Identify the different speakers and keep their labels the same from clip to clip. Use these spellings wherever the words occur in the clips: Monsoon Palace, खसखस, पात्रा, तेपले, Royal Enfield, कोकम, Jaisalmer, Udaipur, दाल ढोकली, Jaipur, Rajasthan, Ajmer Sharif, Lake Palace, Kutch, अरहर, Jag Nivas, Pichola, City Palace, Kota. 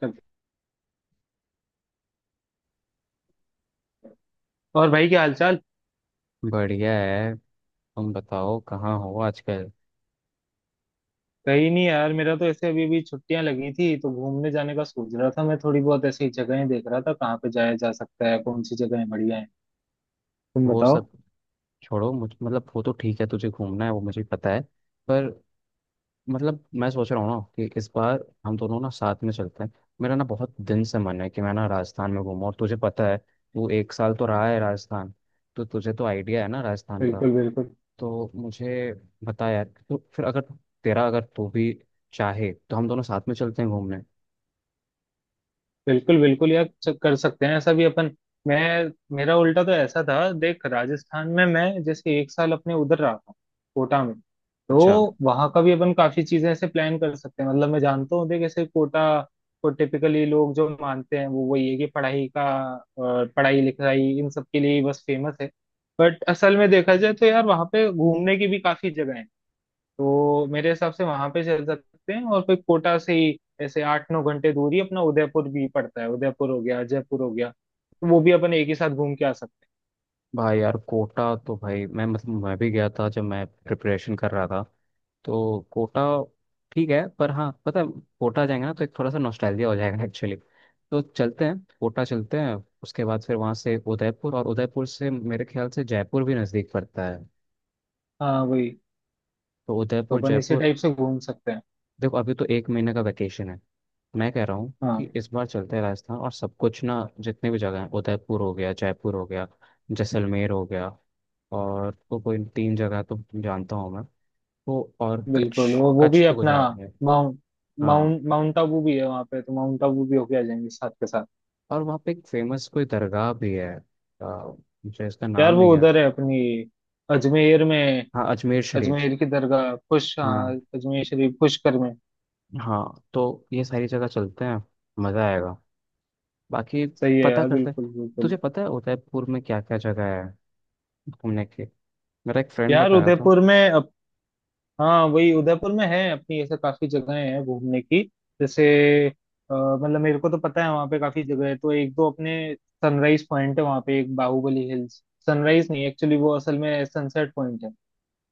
Speaker 1: कब- और भाई, क्या हालचाल।
Speaker 2: बढ़िया है। तुम बताओ कहाँ हो आजकल।
Speaker 1: कहीं नहीं यार, मेरा तो ऐसे अभी अभी छुट्टियां लगी थी तो घूमने जाने का सोच रहा था। मैं थोड़ी बहुत ऐसी जगहें देख रहा था कहाँ पे जाया जा सकता है, कौन सी जगहें बढ़िया हैं। तुम
Speaker 2: वो
Speaker 1: बताओ।
Speaker 2: सब छोड़ो, मुझ मतलब वो तो ठीक है, तुझे घूमना है वो मुझे पता है। पर मतलब मैं सोच रहा हूँ ना कि इस बार हम दोनों ना साथ में चलते हैं। मेरा ना बहुत दिन से मन है कि मैं ना राजस्थान में घूमूं, और तुझे पता है वो एक साल तो रहा है राजस्थान। तो तुझे तो आइडिया है ना राजस्थान का।
Speaker 1: बिल्कुल बिल्कुल।
Speaker 2: तो मुझे बता यार, तो फिर अगर तेरा अगर तू भी चाहे तो हम दोनों साथ में चलते हैं घूमने।
Speaker 1: बिल्कुल बिल्कुल यार, कर सकते हैं ऐसा भी अपन। मैं मेरा उल्टा तो ऐसा था। देख, राजस्थान में मैं जैसे एक साल अपने उधर रहा था, कोटा में।
Speaker 2: अच्छा।
Speaker 1: तो वहां का भी अपन काफी चीजें ऐसे प्लान कर सकते हैं। मतलब मैं जानता हूँ, देख ऐसे, कोटा को टिपिकली लोग जो मानते हैं वो वही है कि पढ़ाई का, अ, पढ़ाई लिखाई इन सब के लिए ही बस फेमस है। बट असल में देखा जाए तो यार, वहाँ पे घूमने की भी काफी जगह है। तो मेरे हिसाब से वहां पे चल सकते हैं, और फिर कोटा से ही ऐसे 8-9 घंटे दूर ही अपना उदयपुर भी पड़ता है। उदयपुर हो गया, जयपुर हो गया, तो वो भी अपन एक ही साथ घूम के आ सकते
Speaker 2: भाई यार कोटा तो भाई, मैं मतलब मैं भी गया था जब मैं प्रिपरेशन कर रहा था, तो कोटा ठीक है। पर हाँ पता है, कोटा जाएंगे ना तो एक थोड़ा सा नॉस्टैल्जिया हो जाएगा एक्चुअली। तो चलते हैं, कोटा चलते हैं। उसके बाद फिर वहाँ से उदयपुर, और उदयपुर से मेरे ख्याल से जयपुर भी नज़दीक पड़ता है।
Speaker 1: हैं। हाँ वही,
Speaker 2: तो
Speaker 1: तो
Speaker 2: उदयपुर
Speaker 1: अपन इसी
Speaker 2: जयपुर।
Speaker 1: टाइप से घूम सकते हैं।
Speaker 2: देखो अभी तो एक महीने का वैकेशन है। मैं कह रहा हूँ कि
Speaker 1: हाँ,
Speaker 2: इस बार चलते हैं राजस्थान, और सब कुछ ना जितने भी जगह हैं, उदयपुर हो गया, जयपुर हो गया, जैसलमेर हो गया। और तो कोई तीन जगह तो जानता हूँ मैं, वो और कच्छ।
Speaker 1: बिल्कुल, और वो
Speaker 2: कच्छ
Speaker 1: भी
Speaker 2: तो
Speaker 1: अपना
Speaker 2: गुजरात में है।
Speaker 1: माउंट
Speaker 2: हाँ।
Speaker 1: माउंट माउंट आबू भी है वहाँ पे। तो माउंट आबू भी होके आ जाएंगे साथ के साथ।
Speaker 2: और वहाँ पे एक फेमस कोई दरगाह भी है। आ, मुझे इसका नाम
Speaker 1: यार
Speaker 2: नहीं
Speaker 1: वो
Speaker 2: याद।
Speaker 1: उधर है अपनी, अजमेर में।
Speaker 2: हाँ, अजमेर शरीफ।
Speaker 1: अजमेर की दरगाह खुश हाँ,
Speaker 2: हाँ
Speaker 1: अजमेर शरीफ, पुष्कर में।
Speaker 2: हाँ, तो ये सारी जगह चलते हैं, मज़ा आएगा। बाकी
Speaker 1: सही है
Speaker 2: पता
Speaker 1: यार,
Speaker 2: करते हैं।
Speaker 1: बिल्कुल बिल्कुल।
Speaker 2: तुझे पता है उदयपुर में क्या क्या जगह है घूमने की? मेरा एक फ्रेंड
Speaker 1: यार
Speaker 2: बताया था।
Speaker 1: उदयपुर में, हाँ वही, उदयपुर में है अपनी ऐसे काफी जगहें हैं घूमने की। जैसे, मतलब मेरे को तो पता है वहाँ पे काफी जगह है। तो एक दो अपने, सनराइज पॉइंट है वहाँ पे एक, बाहुबली हिल्स। सनराइज नहीं, एक्चुअली वो असल में सनसेट पॉइंट है।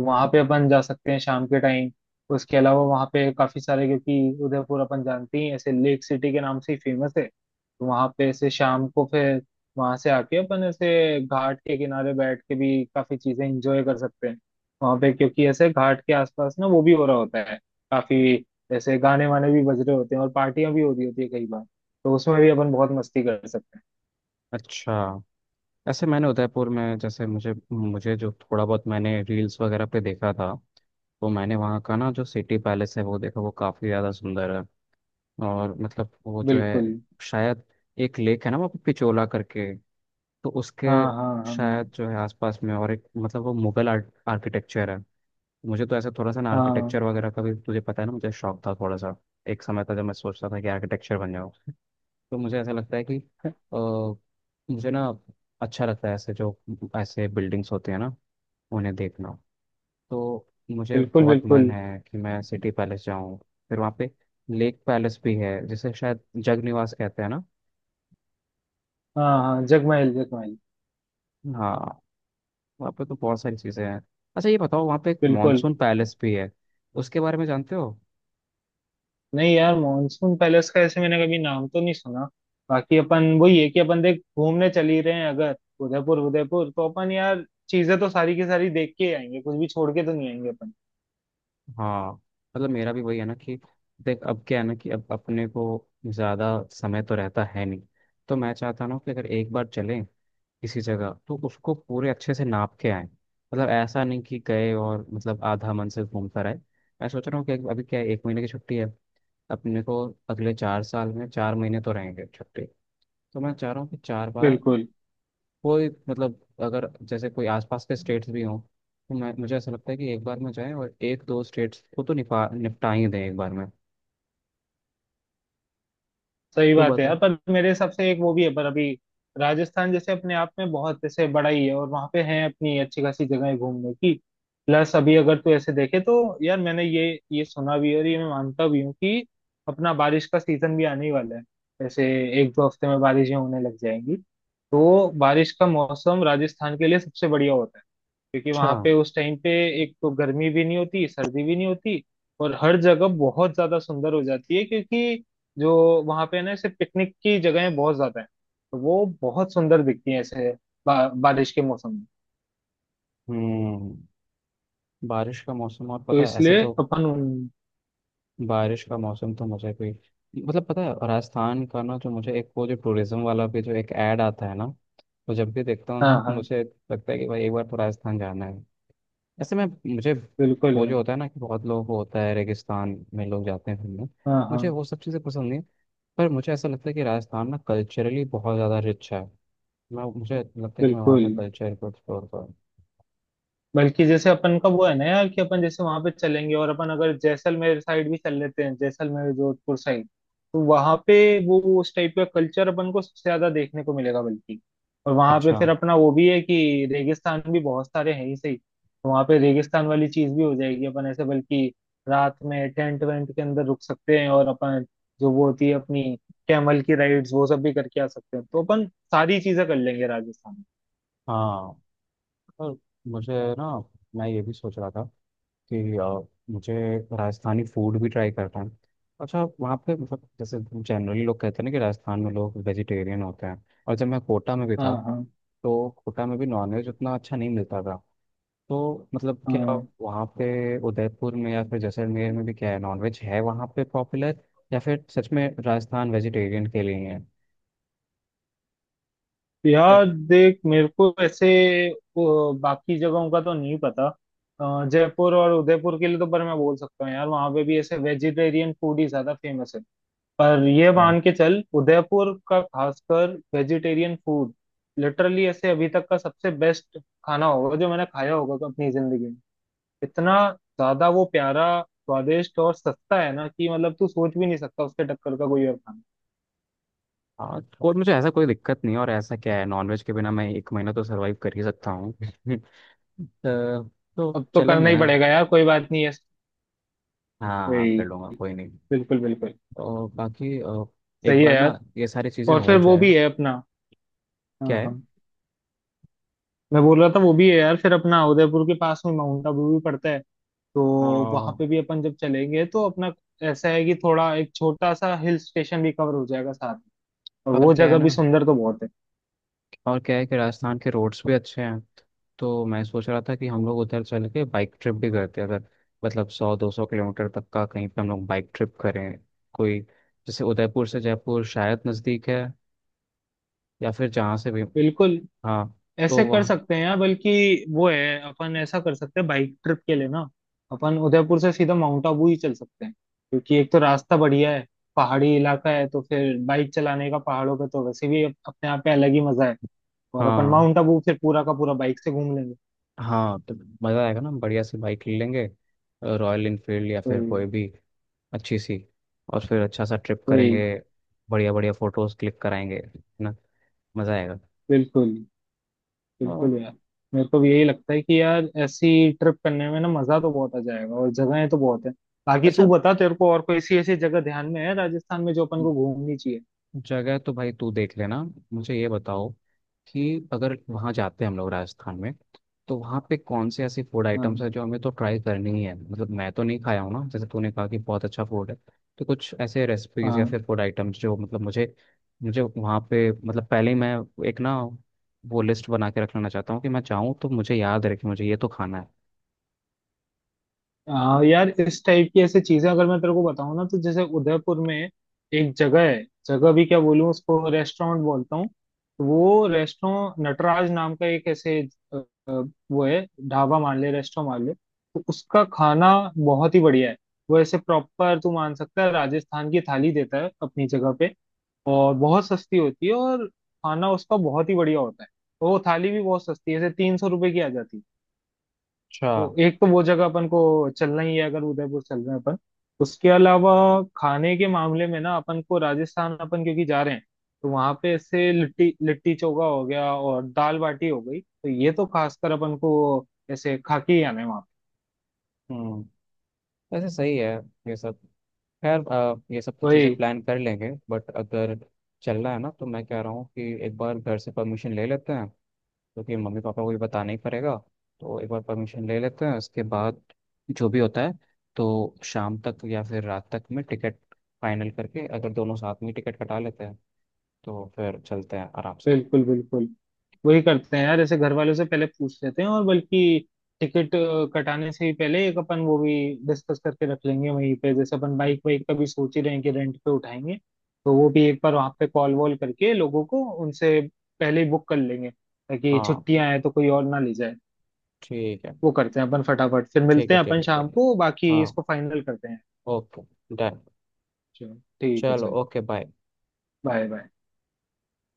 Speaker 1: वहां पे अपन जा सकते हैं शाम के टाइम। उसके अलावा वहां पे काफी सारे, क्योंकि उदयपुर अपन जानते ही हैं, ऐसे लेक सिटी के नाम से ही फेमस है। तो वहां पे ऐसे शाम को फिर वहां से आके अपन ऐसे घाट के किनारे बैठ के भी काफी चीजें इंजॉय कर सकते हैं वहां पे, क्योंकि ऐसे घाट के आसपास ना वो भी हो रहा होता है काफी। ऐसे गाने वाने भी बज रहे होते हैं और पार्टियां भी हो रही होती है कई बार। तो उसमें भी अपन बहुत मस्ती कर सकते
Speaker 2: अच्छा, ऐसे मैंने उदयपुर में जैसे मुझे मुझे जो थोड़ा बहुत मैंने रील्स वगैरह पे देखा था, तो मैंने वहाँ का ना जो सिटी पैलेस है वो देखा, वो काफ़ी ज़्यादा सुंदर है। और मतलब वो
Speaker 1: हैं।
Speaker 2: जो है,
Speaker 1: बिल्कुल।
Speaker 2: शायद एक लेक है ना वहाँ पे पिचोला करके। तो उसके
Speaker 1: हाँ हाँ हाँ,
Speaker 2: शायद जो है आसपास में, और एक मतलब वो मुगल आर्ट आर्किटेक्चर है। मुझे तो ऐसा थोड़ा सा ना
Speaker 1: हाँ
Speaker 2: आर्किटेक्चर वगैरह का भी, तुझे पता है ना, मुझे शौक था थोड़ा सा। एक समय था जब मैं सोचता था कि आर्किटेक्चर बन जाऊँ। तो मुझे ऐसा लगता है कि अ, मुझे ना अच्छा लगता है ऐसे जो ऐसे बिल्डिंग्स होते हैं ना, उन्हें देखना। तो मुझे
Speaker 1: बिल्कुल
Speaker 2: बहुत मन
Speaker 1: बिल्कुल।
Speaker 2: है कि मैं सिटी पैलेस जाऊं। फिर वहाँ पे लेक पैलेस भी है जिसे शायद जग निवास कहते हैं ना।
Speaker 1: हाँ हाँ, जगमहल जगमहल।
Speaker 2: हाँ। वहाँ पे तो बहुत सारी चीज़ें हैं। अच्छा ये बताओ, वहाँ पे एक
Speaker 1: बिल्कुल।
Speaker 2: मॉनसून पैलेस भी है, उसके बारे में जानते हो?
Speaker 1: नहीं यार, मॉनसून पैलेस का ऐसे मैंने कभी नाम तो नहीं सुना। बाकी अपन वही है कि अपन, देख, घूमने चल ही रहे हैं अगर। उदयपुर उदयपुर, तो अपन यार चीजें तो सारी की सारी देख के ही आएंगे, कुछ भी छोड़ के तो नहीं आएंगे अपन।
Speaker 2: हाँ, मतलब मेरा भी वही है ना कि, देख अब क्या है ना, कि अब अपने को ज़्यादा समय तो रहता है नहीं। तो मैं चाहता ना कि अगर एक बार चलें किसी जगह तो उसको पूरे अच्छे से नाप के आए, मतलब ऐसा नहीं कि गए और मतलब आधा मन से घूम कर आए। मैं सोच रहा हूँ कि अभी क्या है, एक महीने की छुट्टी है अपने को। अगले 4 साल में 4 महीने तो रहेंगे छुट्टी। तो मैं चाह रहा हूँ कि चार बार
Speaker 1: बिल्कुल।
Speaker 2: कोई मतलब, अगर जैसे कोई आसपास के स्टेट्स भी हों, तो मैं मुझे ऐसा लगता है कि एक बार में जाएं और एक दो स्टेट्स को तो निपा निपटा ही दें एक बार में।
Speaker 1: सही
Speaker 2: तू
Speaker 1: बात है
Speaker 2: बता।
Speaker 1: यार, पर मेरे हिसाब से एक वो भी है, पर अभी राजस्थान जैसे अपने आप में बहुत जैसे बड़ा ही है और वहां पे है अपनी अच्छी खासी जगह घूमने की। प्लस अभी अगर तू ऐसे देखे तो यार, मैंने ये सुना भी है और ये मैं मानता भी हूँ कि अपना बारिश का सीजन भी आने ही वाला है। जैसे 1-2 हफ्ते में बारिशें होने लग जाएंगी। तो बारिश का मौसम राजस्थान के लिए सबसे बढ़िया होता है। क्योंकि
Speaker 2: अच्छा।
Speaker 1: वहां पे उस टाइम पे एक तो गर्मी भी नहीं होती, सर्दी भी नहीं होती, और हर जगह बहुत ज्यादा सुंदर हो जाती है। क्योंकि जो वहां पे है ना ऐसे पिकनिक की जगहें बहुत ज्यादा हैं, तो वो बहुत सुंदर दिखती हैं ऐसे बारिश के मौसम में।
Speaker 2: हम्म। बारिश का मौसम, और
Speaker 1: तो
Speaker 2: पता है ऐसे
Speaker 1: इसलिए
Speaker 2: तो
Speaker 1: अपन
Speaker 2: बारिश का मौसम तो मुझे कोई मतलब, पता है राजस्थान का ना जो मुझे एक वो जो टूरिज्म वाला भी जो एक ऐड आता है ना, तो जब भी देखता
Speaker 1: हाँ
Speaker 2: हूँ
Speaker 1: हाँ,
Speaker 2: मुझे लगता है कि भाई एक बार तो राजस्थान जाना है। ऐसे में मुझे
Speaker 1: बिल्कुल
Speaker 2: वो
Speaker 1: है।
Speaker 2: जो होता है ना कि बहुत लोगों को होता है, रेगिस्तान में लोग जाते हैं घूमने।
Speaker 1: हाँ हाँ,
Speaker 2: मुझे वो सब चीज़ें पसंद नहीं। पर मुझे ऐसा लगता है कि राजस्थान ना कल्चरली बहुत ज़्यादा रिच है। मैं मुझे लगता है कि मैं वहाँ
Speaker 1: बिल्कुल।
Speaker 2: के कल्चर को एक्सप्लोर करूँ।
Speaker 1: बल्कि जैसे अपन का वो है ना यार, कि अपन जैसे वहां पे चलेंगे और अपन अगर जैसलमेर साइड भी चल लेते हैं, जैसलमेर जोधपुर साइड, तो वहां पे वो उस टाइप का कल्चर अपन को सबसे ज्यादा देखने को मिलेगा। बल्कि, और वहां पे
Speaker 2: अच्छा।
Speaker 1: फिर अपना वो भी है कि रेगिस्तान भी बहुत सारे हैं ही सही, तो वहां पे रेगिस्तान वाली चीज भी हो जाएगी अपन ऐसे। बल्कि रात में टेंट वेंट के अंदर रुक सकते हैं और अपन जो वो होती है अपनी कैमल की राइड्स, वो सब भी करके आ सकते हैं। तो अपन सारी चीजें कर लेंगे राजस्थान में।
Speaker 2: हाँ पर मुझे ना, मैं ये भी सोच रहा था कि मुझे राजस्थानी फूड भी ट्राई करना है। अच्छा वहाँ पे मतलब जैसे जनरली लोग कहते हैं ना कि राजस्थान में लोग वेजिटेरियन होते हैं, और जब मैं कोटा में भी
Speaker 1: हाँ
Speaker 2: था
Speaker 1: हाँ
Speaker 2: तो कोटा में भी नॉनवेज उतना अच्छा नहीं मिलता था। तो मतलब क्या
Speaker 1: हाँ।
Speaker 2: वहाँ पे उदयपुर में या फिर जैसलमेर में भी क्या है, नॉनवेज है वहाँ पे पॉपुलर, या फिर सच में राजस्थान वेजिटेरियन के लिए है?
Speaker 1: यार देख, मेरे को ऐसे बाकी जगहों का तो नहीं पता। जयपुर और उदयपुर के लिए तो, पर मैं बोल सकता हूँ यार वहाँ पे भी ऐसे वेजिटेरियन फूड ही ज्यादा फेमस है। पर ये
Speaker 2: अच्छा।
Speaker 1: मान के चल, उदयपुर का खासकर वेजिटेरियन फूड लिटरली ऐसे अभी तक का सबसे बेस्ट खाना होगा जो मैंने खाया होगा अपनी जिंदगी में। इतना ज्यादा वो प्यारा, स्वादिष्ट और सस्ता है ना कि मतलब तू सोच भी नहीं सकता उसके टक्कर का कोई और खाना।
Speaker 2: हाँ कोई, मुझे ऐसा कोई दिक्कत नहीं है, और ऐसा क्या है, नॉनवेज के बिना मैं एक महीना तो सरवाइव कर ही सकता हूँ। तो,
Speaker 1: अब
Speaker 2: तो
Speaker 1: तो करना
Speaker 2: चलेंगे
Speaker 1: ही
Speaker 2: ना।
Speaker 1: पड़ेगा यार, कोई बात नहीं है।
Speaker 2: हाँ हाँ,
Speaker 1: वही,
Speaker 2: कर लूँगा, कोई नहीं।
Speaker 1: बिल्कुल बिल्कुल।
Speaker 2: और बाकी एक
Speaker 1: सही है
Speaker 2: बार ना
Speaker 1: यार।
Speaker 2: ये सारी चीज़ें
Speaker 1: और फिर
Speaker 2: हो
Speaker 1: वो
Speaker 2: जाए।
Speaker 1: भी है अपना, हाँ
Speaker 2: क्या है
Speaker 1: हाँ, मैं बोल रहा था वो भी है यार, फिर अपना उदयपुर के पास में माउंट आबू भी पड़ता है। तो
Speaker 2: अ,
Speaker 1: वहां
Speaker 2: और
Speaker 1: पे भी अपन जब चलेंगे तो अपना ऐसा है कि थोड़ा एक छोटा सा हिल स्टेशन भी कवर हो जाएगा साथ में, और वो
Speaker 2: क्या है
Speaker 1: जगह भी
Speaker 2: ना
Speaker 1: सुंदर तो बहुत है।
Speaker 2: और क्या है कि राजस्थान के रोड्स भी अच्छे हैं, तो मैं सोच रहा था कि हम लोग उधर चल के बाइक ट्रिप भी करते हैं, अगर, मतलब 100-200 किलोमीटर तक का कहीं पे हम लोग बाइक ट्रिप करें, कोई जैसे उदयपुर से जयपुर शायद नज़दीक है, या फिर जहाँ से भी।
Speaker 1: बिल्कुल।
Speaker 2: हाँ, तो
Speaker 1: ऐसे कर
Speaker 2: वहाँ।
Speaker 1: सकते हैं यार, बल्कि वो है अपन ऐसा कर सकते हैं बाइक ट्रिप के लिए ना। अपन उदयपुर से सीधा माउंट आबू ही चल सकते हैं, क्योंकि एक तो रास्ता बढ़िया है, पहाड़ी इलाका है। तो फिर बाइक चलाने का पहाड़ों पे तो वैसे भी अपने आप पे अलग ही मजा है। और अपन
Speaker 2: हाँ
Speaker 1: माउंट आबू फिर पूरा का पूरा बाइक से घूम लेंगे।
Speaker 2: हाँ, तो मज़ा आएगा ना, बढ़िया सी बाइक ले लेंगे, रॉयल इनफील्ड या फिर कोई
Speaker 1: वही।
Speaker 2: भी अच्छी सी, और फिर अच्छा सा ट्रिप करेंगे,
Speaker 1: वही।
Speaker 2: बढ़िया बढ़िया फ़ोटोज़ क्लिक कराएंगे, है ना, मज़ा आएगा।
Speaker 1: बिल्कुल
Speaker 2: और
Speaker 1: बिल्कुल यार, मेरे को भी यही लगता है कि यार ऐसी ट्रिप करने में ना मजा तो बहुत आ जाएगा और जगहें तो बहुत है। बाकी तू
Speaker 2: अच्छा,
Speaker 1: बता, तेरे को और कोई ऐसी ऐसी जगह ध्यान में है राजस्थान में जो अपन को घूमनी चाहिए।
Speaker 2: जगह तो भाई तू देख लेना। मुझे ये बताओ कि अगर वहाँ जाते हैं हम लोग राजस्थान में, तो वहाँ पे कौन से ऐसे फूड आइटम्स
Speaker 1: हाँ
Speaker 2: हैं जो हमें तो ट्राई करनी ही है, मतलब मैं तो नहीं खाया हूँ ना, जैसे तूने कहा कि बहुत अच्छा फूड है। तो कुछ ऐसे रेसिपीज या
Speaker 1: हाँ
Speaker 2: फिर फूड आइटम्स जो मतलब मुझे मुझे वहाँ पे मतलब पहले ही मैं, एक ना वो लिस्ट बना के रख लेना चाहता हूँ कि मैं जाऊँ तो मुझे याद रहे कि मुझे ये तो खाना है।
Speaker 1: हाँ। यार इस टाइप की ऐसे चीजें अगर मैं तेरे को बताऊँ ना, तो जैसे उदयपुर में एक जगह है, जगह भी क्या बोलूँ उसको, रेस्टोरेंट बोलता हूँ। तो वो रेस्टोरेंट नटराज नाम का एक ऐसे, अ, अ, वो है, ढाबा मान ले रेस्टोरेंट मान ले, तो उसका खाना बहुत ही बढ़िया है। वो ऐसे प्रॉपर तू मान सकता है राजस्थान की थाली देता है अपनी जगह पे, और बहुत सस्ती होती है और खाना उसका बहुत ही बढ़िया होता है। तो वो थाली भी बहुत सस्ती है, ऐसे 300 रुपए की आ जाती है।
Speaker 2: अच्छा।
Speaker 1: तो एक तो वो जगह अपन को चलना ही है अगर उदयपुर चल रहे हैं अपन। उसके अलावा खाने के मामले में ना, अपन को राजस्थान अपन क्योंकि जा रहे हैं, तो वहां पे ऐसे लिट्टी लिट्टी चोखा हो गया और दाल बाटी हो गई, तो ये तो खासकर अपन को ऐसे खा के ही आना है वहां पे।
Speaker 2: हम्म। वैसे सही है ये सब। खैर ये सब तो चीज़ें
Speaker 1: वही।
Speaker 2: प्लान कर लेंगे, बट अगर चलना है ना, तो मैं कह रहा हूँ कि एक बार घर से परमिशन ले लेते हैं, क्योंकि मम्मी पापा को भी बताना ही पड़ेगा। तो एक बार परमिशन ले लेते हैं, उसके बाद जो भी होता है, तो शाम तक या फिर रात तक में टिकट फाइनल करके, अगर दोनों साथ में टिकट कटा लेते हैं, तो फिर चलते हैं आराम से।
Speaker 1: बिल्कुल बिल्कुल। वही करते हैं यार, जैसे घर वालों से पहले पूछ लेते हैं, और बल्कि टिकट कटाने से ही पहले एक अपन वो भी डिस्कस करके रख लेंगे वहीं पे, जैसे अपन बाइक वाइक का भी सोच ही रहे हैं कि रेंट पे उठाएंगे, तो वो भी एक बार वहाँ पे कॉल वॉल करके लोगों को उनसे पहले ही बुक कर लेंगे, ताकि
Speaker 2: हाँ।
Speaker 1: छुट्टियां हैं तो कोई और ना ले जाए।
Speaker 2: ठीक है
Speaker 1: वो करते हैं अपन फटाफट, फिर
Speaker 2: ठीक
Speaker 1: मिलते
Speaker 2: है
Speaker 1: हैं
Speaker 2: ठीक
Speaker 1: अपन
Speaker 2: है
Speaker 1: शाम
Speaker 2: ठीक है।
Speaker 1: को बाकी
Speaker 2: हाँ।
Speaker 1: इसको फाइनल करते हैं।
Speaker 2: ओके। डन।
Speaker 1: चलो, ठीक है
Speaker 2: चलो,
Speaker 1: चल,
Speaker 2: ओके, बाय।
Speaker 1: Bye bye.